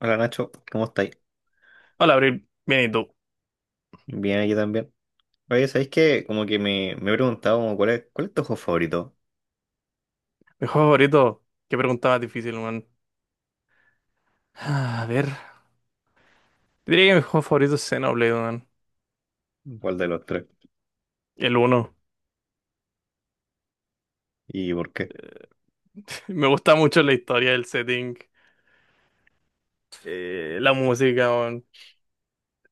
Hola Nacho, ¿cómo estáis? Hola, Abril. Bien, ¿y tú? Bien, aquí también. Oye, ¿sabéis que como que me he preguntado como cuál es tu juego favorito? Mi juego favorito. Qué pregunta más difícil, man. A ver. Diría que mi juego favorito es Xenoblade, man. ¿Cuál de los tres? El uno. ¿Y por qué? Me gusta mucho la historia, el setting, la música, man.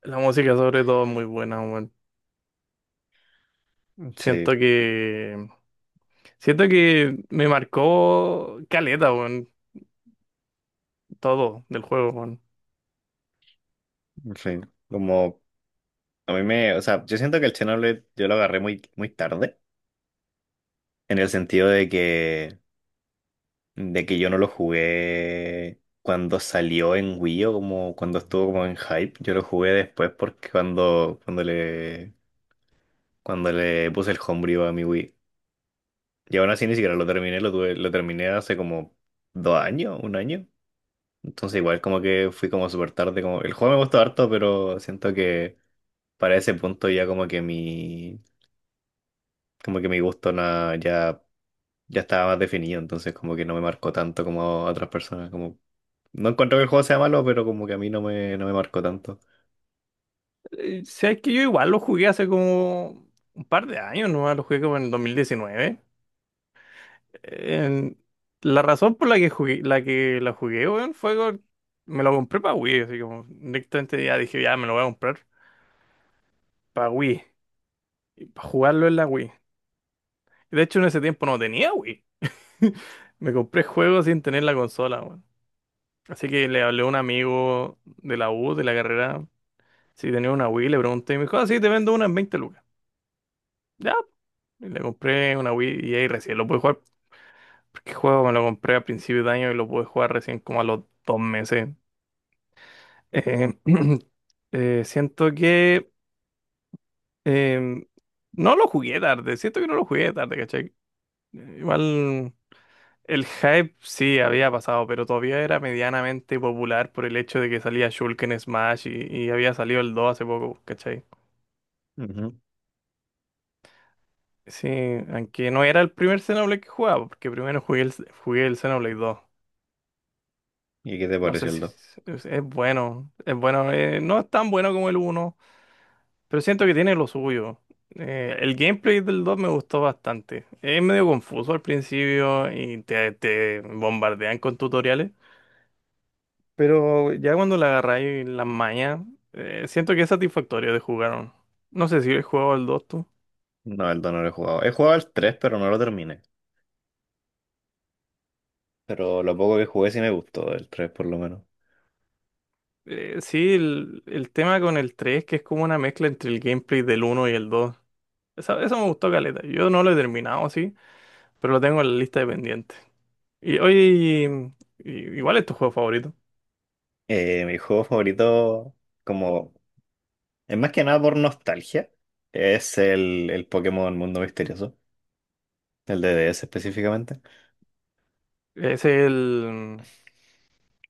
La música, sobre todo, es muy buena, man. Sí, Siento que. Siento que me marcó caleta, man. Todo del juego, man. sí. Como a mí me, o sea, yo siento que el Xenoblade yo lo agarré muy tarde, en el sentido de que yo no lo jugué cuando salió en Wii o como cuando estuvo como en hype. Yo lo jugué después porque cuando le, cuando le puse el homebrew a mi Wii. Y aún así ni siquiera lo terminé, lo tuve, lo terminé hace como dos años, un año. Entonces igual como que fui como súper tarde, como el juego me gustó harto, pero siento que para ese punto ya como que mi gusto ya, ya estaba más definido, entonces como que no me marcó tanto como a otras personas. Como, no encuentro que el juego sea malo, pero como que a mí no me, no me marcó tanto. Sabes que yo igual lo jugué hace como un par de años, ¿no? Lo jugué como en el 2019. En- la razón por la que jugué, la jugué, weón, me lo compré para Wii, así como directamente ya dije, ya me lo voy a comprar para Wii, para jugarlo en la Wii. De hecho, en ese tiempo no tenía Wii. Me compré juegos sin tener la consola, weón. Así que le hablé a un amigo de la U, de la carrera, si tenía una Wii, le pregunté y me dijo, ah, sí, te vendo una en 20 lucas. Ya, y le compré una Wii y ahí recién lo pude jugar. Porque el juego me lo compré a principio de año y lo pude jugar recién como a los dos meses. Eh, siento que em, no lo jugué tarde, siento que no lo jugué tarde, ¿cachai? Igual el hype sí había pasado, pero todavía era medianamente popular por el hecho de que salía Shulk en Smash y había salido el 2 hace poco, ¿cachai? Ujú. Sí, aunque no era el primer Xenoblade que jugaba, porque primero jugué el Xenoblade dos. ¿Y qué te No pareció sé el si dos? es, es bueno, no es tan bueno como el uno. Pero siento que tiene lo suyo. El gameplay del 2 me gustó bastante. Es medio confuso al principio y te bombardean con tutoriales. Pero ya cuando le agarráis las mañas, siento que es satisfactorio de jugar. No sé si he jugado al 2 tú. No, el dos no lo he jugado. He jugado el 3 pero no lo terminé. Pero lo poco que jugué sí me gustó, el 3 por lo menos. Sí, el tema con el 3 que es como una mezcla entre el gameplay del uno y el dos. Eso, me gustó caleta. Yo no lo he terminado, sí, pero lo tengo en la lista de pendientes. Y oye, igual es tu juego favorito. Mi juego favorito, como, es más que nada por nostalgia, es el Pokémon Mundo Misterioso, el de DS específicamente, Es el.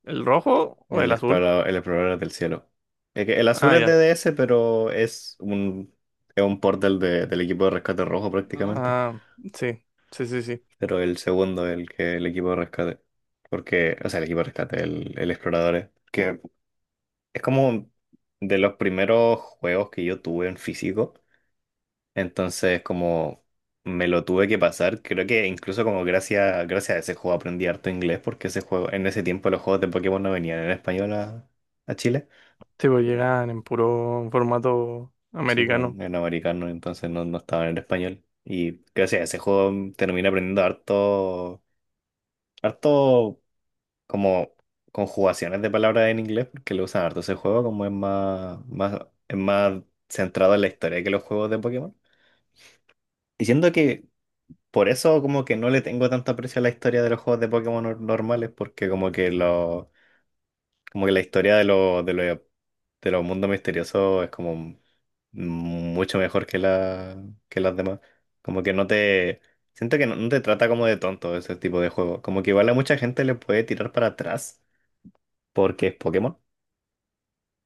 ¿El rojo o el azul? El explorador del cielo. Es que el, azul Ah, es de ya. DS, pero es un port del, del equipo de rescate rojo prácticamente, Ah, sí, sí, sí, sí. pero el segundo, el que el equipo de rescate, porque, o sea, el equipo de rescate, el explorador, que es como de los primeros juegos que yo tuve en físico. Entonces, como me lo tuve que pasar, creo que incluso como gracias, gracias a ese juego aprendí harto inglés, porque ese juego, en ese tiempo los juegos de Pokémon no venían en español a Chile. Sí, pues llegan en puro formato Sí, americano. bueno, en americano, entonces no, no estaban en español. Y gracias a ese juego terminé aprendiendo harto, harto como conjugaciones de palabras en inglés, porque lo usan harto ese juego, como es es más centrado en la historia que los juegos de Pokémon. Y siento que por eso como que no le tengo tanto aprecio a la historia de los juegos de Pokémon normales, porque como que lo, como que la historia de los de los mundos misteriosos es como mucho mejor que la, que las demás. Como que no te, siento que no, no te trata como de tonto ese tipo de juego. Como que igual a mucha gente le puede tirar para atrás porque es Pokémon.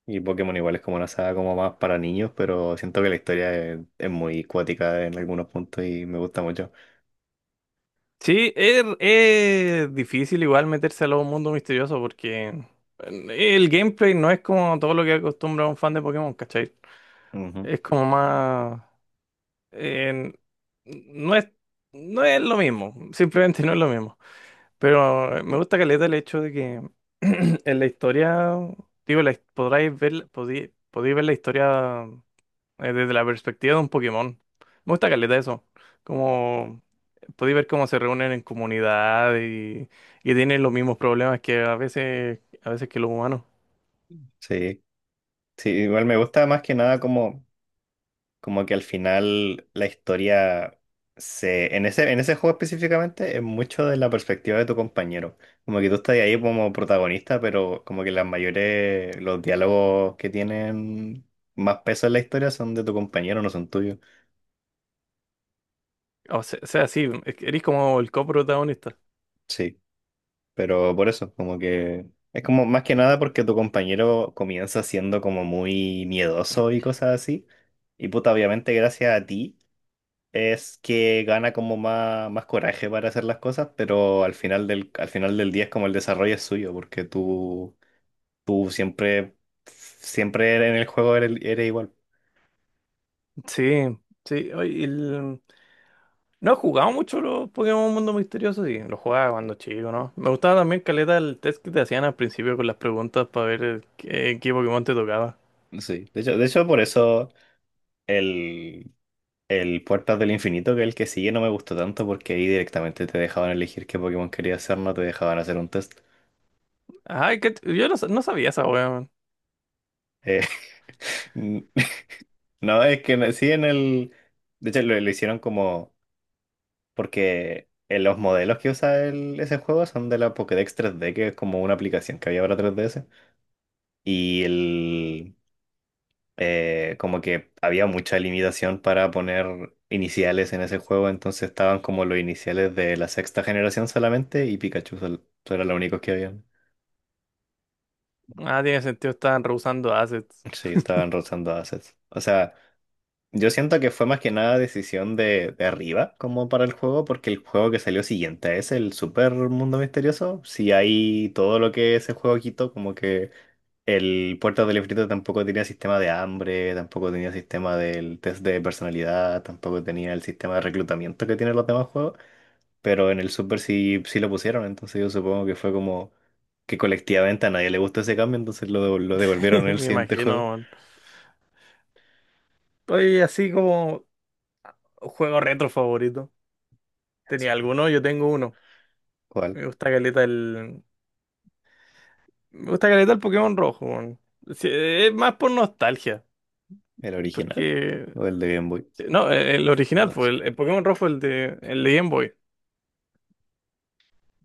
Y Pokémon igual es como una saga como más para niños, pero siento que la historia es muy cuática en algunos puntos y me gusta mucho. Sí, es difícil igual meterse a los mundos misteriosos porque el gameplay no es como todo lo que acostumbra un fan de Pokémon, ¿cachai? Ujú. Es como más... en- no es, no es lo mismo, simplemente no es lo mismo. Pero me gusta caleta el hecho de que en la historia, digo, podráis ver, podéis ver la historia desde la perspectiva de un Pokémon. Me gusta caleta eso. Como podéis ver cómo se reúnen en comunidad y tienen los mismos problemas que a veces que los humanos. Sí. Sí, igual me gusta más que nada como, como que al final la historia se, en ese juego específicamente es mucho de la perspectiva de tu compañero. Como que tú estás ahí como protagonista, pero como que las mayores, los diálogos que tienen más peso en la historia son de tu compañero, no son tuyos. Sea, sí, es que eres como el coprotagonista. Sí, pero por eso, como que es como más que nada porque tu compañero comienza siendo como muy miedoso y cosas así. Y puta, obviamente gracias a ti, es que gana como más coraje para hacer las cosas, pero al final al final del día es como el desarrollo es suyo, porque tú siempre en el juego eres, eres igual. Sí, sí. Oye, no he jugado mucho los Pokémon Mundo Misterioso, sí. Los jugaba cuando chico, ¿no? Me gustaba también caleta el test que te hacían al principio con las preguntas para ver qué, qué Pokémon te tocaba. Sí. De hecho, por eso el, el Puertas del Infinito, que es el que sigue, no me gustó tanto, porque ahí directamente te dejaban elegir qué Pokémon querías hacer, no te dejaban hacer un test. Ay, que yo no, no sabía esa wea, man. Eh, no, es que sí en el... De hecho, lo hicieron como... Porque los modelos que usa ese juego son de la Pokédex 3D, que es como una aplicación que había para 3DS. Y el, como que había mucha limitación para poner iniciales en ese juego, entonces estaban como los iniciales de la sexta generación solamente y Pikachu eran los únicos que habían. Ah, tiene sentido, estaban rehusando assets. Sí, estaban rozando assets. O sea, yo siento que fue más que nada decisión de arriba como para el juego, porque el juego que salió siguiente es el Super Mundo Misterioso. Si hay todo lo que ese juego quitó, como que el Puerto del Ifrito tampoco tenía sistema de hambre, tampoco tenía sistema del test de personalidad, tampoco tenía el sistema de reclutamiento que tienen los demás juegos, pero en el Super sí, sí lo pusieron, entonces yo supongo que fue como que colectivamente a nadie le gustó ese cambio, entonces lo, lo devolvieron en el Me siguiente juego. imagino, man. Oye, así como juego retro favorito. Ah, ¿Tenía zorra. alguno? Yo tengo uno. ¿Cuál? Me gusta caleta el. Me gusta caleta el Pokémon rojo, man. Sí, es más por nostalgia. ¿El original Porque o el de Game Boy? sí, No, el original fue Sí, el Pokémon Rojo, el de Game Boy.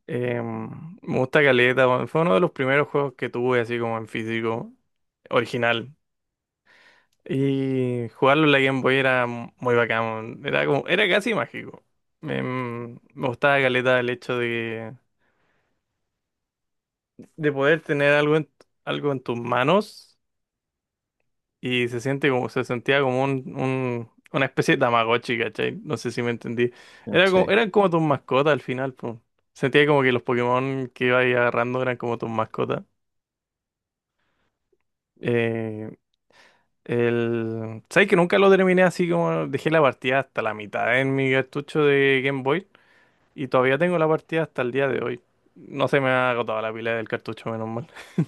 Me gusta caleta, weón. Fue uno de los primeros juegos que tuve así como en físico, original. Y jugarlo en la Game Boy era muy bacán, weón. Era como, era casi mágico. Me gustaba caleta el hecho de poder tener algo en, algo en tus manos y se siente como, se sentía como una especie de Tamagotchi, ¿cachai? No sé si me entendí. Era como, eran como tus mascotas al final, pues. Sentía como que los Pokémon que iba ahí agarrando eran como tus mascotas. Eh, el... ¿Sabes que nunca lo terminé así como dejé la partida hasta la mitad en mi cartucho de Game Boy? Y todavía tengo la partida hasta el día de hoy. No se me ha agotado la pila del cartucho, menos mal.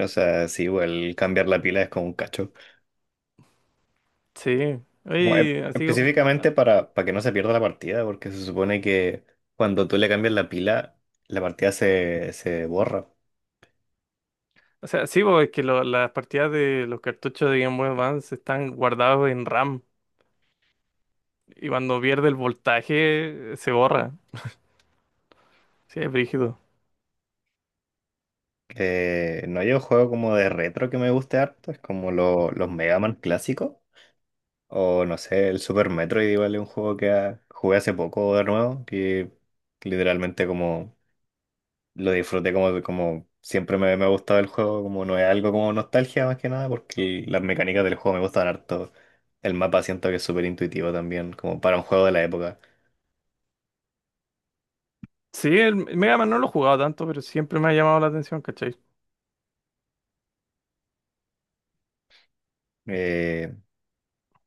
o sea, sí, igual cambiar la pila es como un cacho. Sí. Como Oye, así como... específicamente para que no se pierda la partida, porque se supone que cuando tú le cambias la pila, la partida se, se borra. O sea, sí, porque es que las partidas de los cartuchos de Game Boy Advance están guardados en RAM y cuando pierde el voltaje se borra. Sí, es brígido. No hay un juego como de retro que me guste harto, es como los Mega Man clásicos, o no sé, el Super Metroid igual es un juego que jugué hace poco de nuevo, que literalmente como lo disfruté como, como siempre me, me ha gustado el juego, como no es algo como nostalgia más que nada, porque las mecánicas del juego me gustan harto. El mapa siento que es súper intuitivo también, como para un juego de la época. Sí, el Mega Man no lo he jugado tanto, pero siempre me ha llamado la atención, ¿cachai? Eh,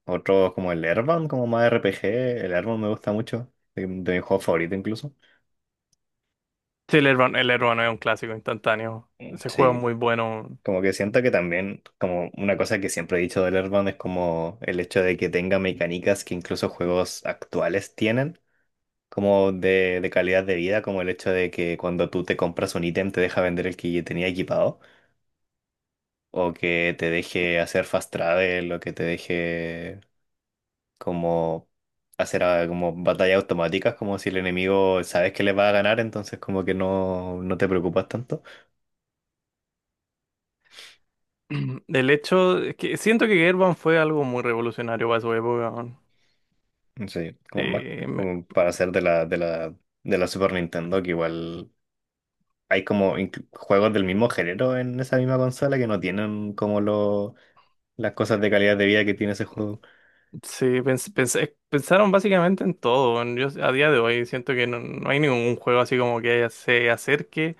Otros como el Airbound, como más RPG, el Airbound me gusta mucho, de mi juego favorito incluso. Sí, el Hermano es un clásico instantáneo. Ese juego es Sí, muy bueno. como que siento que también, como una cosa que siempre he dicho del Airbound es como el hecho de que tenga mecánicas que incluso juegos actuales tienen como de calidad de vida, como el hecho de que cuando tú te compras un ítem te deja vender el que tenía equipado, o que te deje hacer fast travel, o que te deje como hacer como batallas automáticas, como si el enemigo sabes que le va a ganar, entonces como que no, no te preocupas tanto. El hecho es que siento que Gerban fue algo muy revolucionario para su época, weón. Sí, como Eh, me- como para hacer de la, de la, de la Super Nintendo, que igual hay como juegos del mismo género en esa misma consola que no tienen como lo las cosas de calidad de vida que tiene ese juego. sí, pensaron básicamente en todo, weón. Yo a día de hoy siento que no, no hay ningún juego así como que se acerque.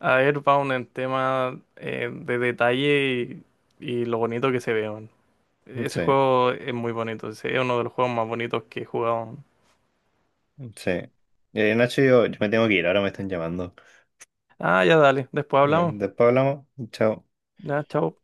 A ver, Pau, en tema de detalle y lo bonito que se ve, man. Ese Sí, juego es muy bonito, es uno de los juegos más bonitos que he jugado. sí. Nacho, yo me tengo que ir, ahora me están llamando. Ah, ya dale, después hablamos. Después hablamos. Chao. Ya, chao.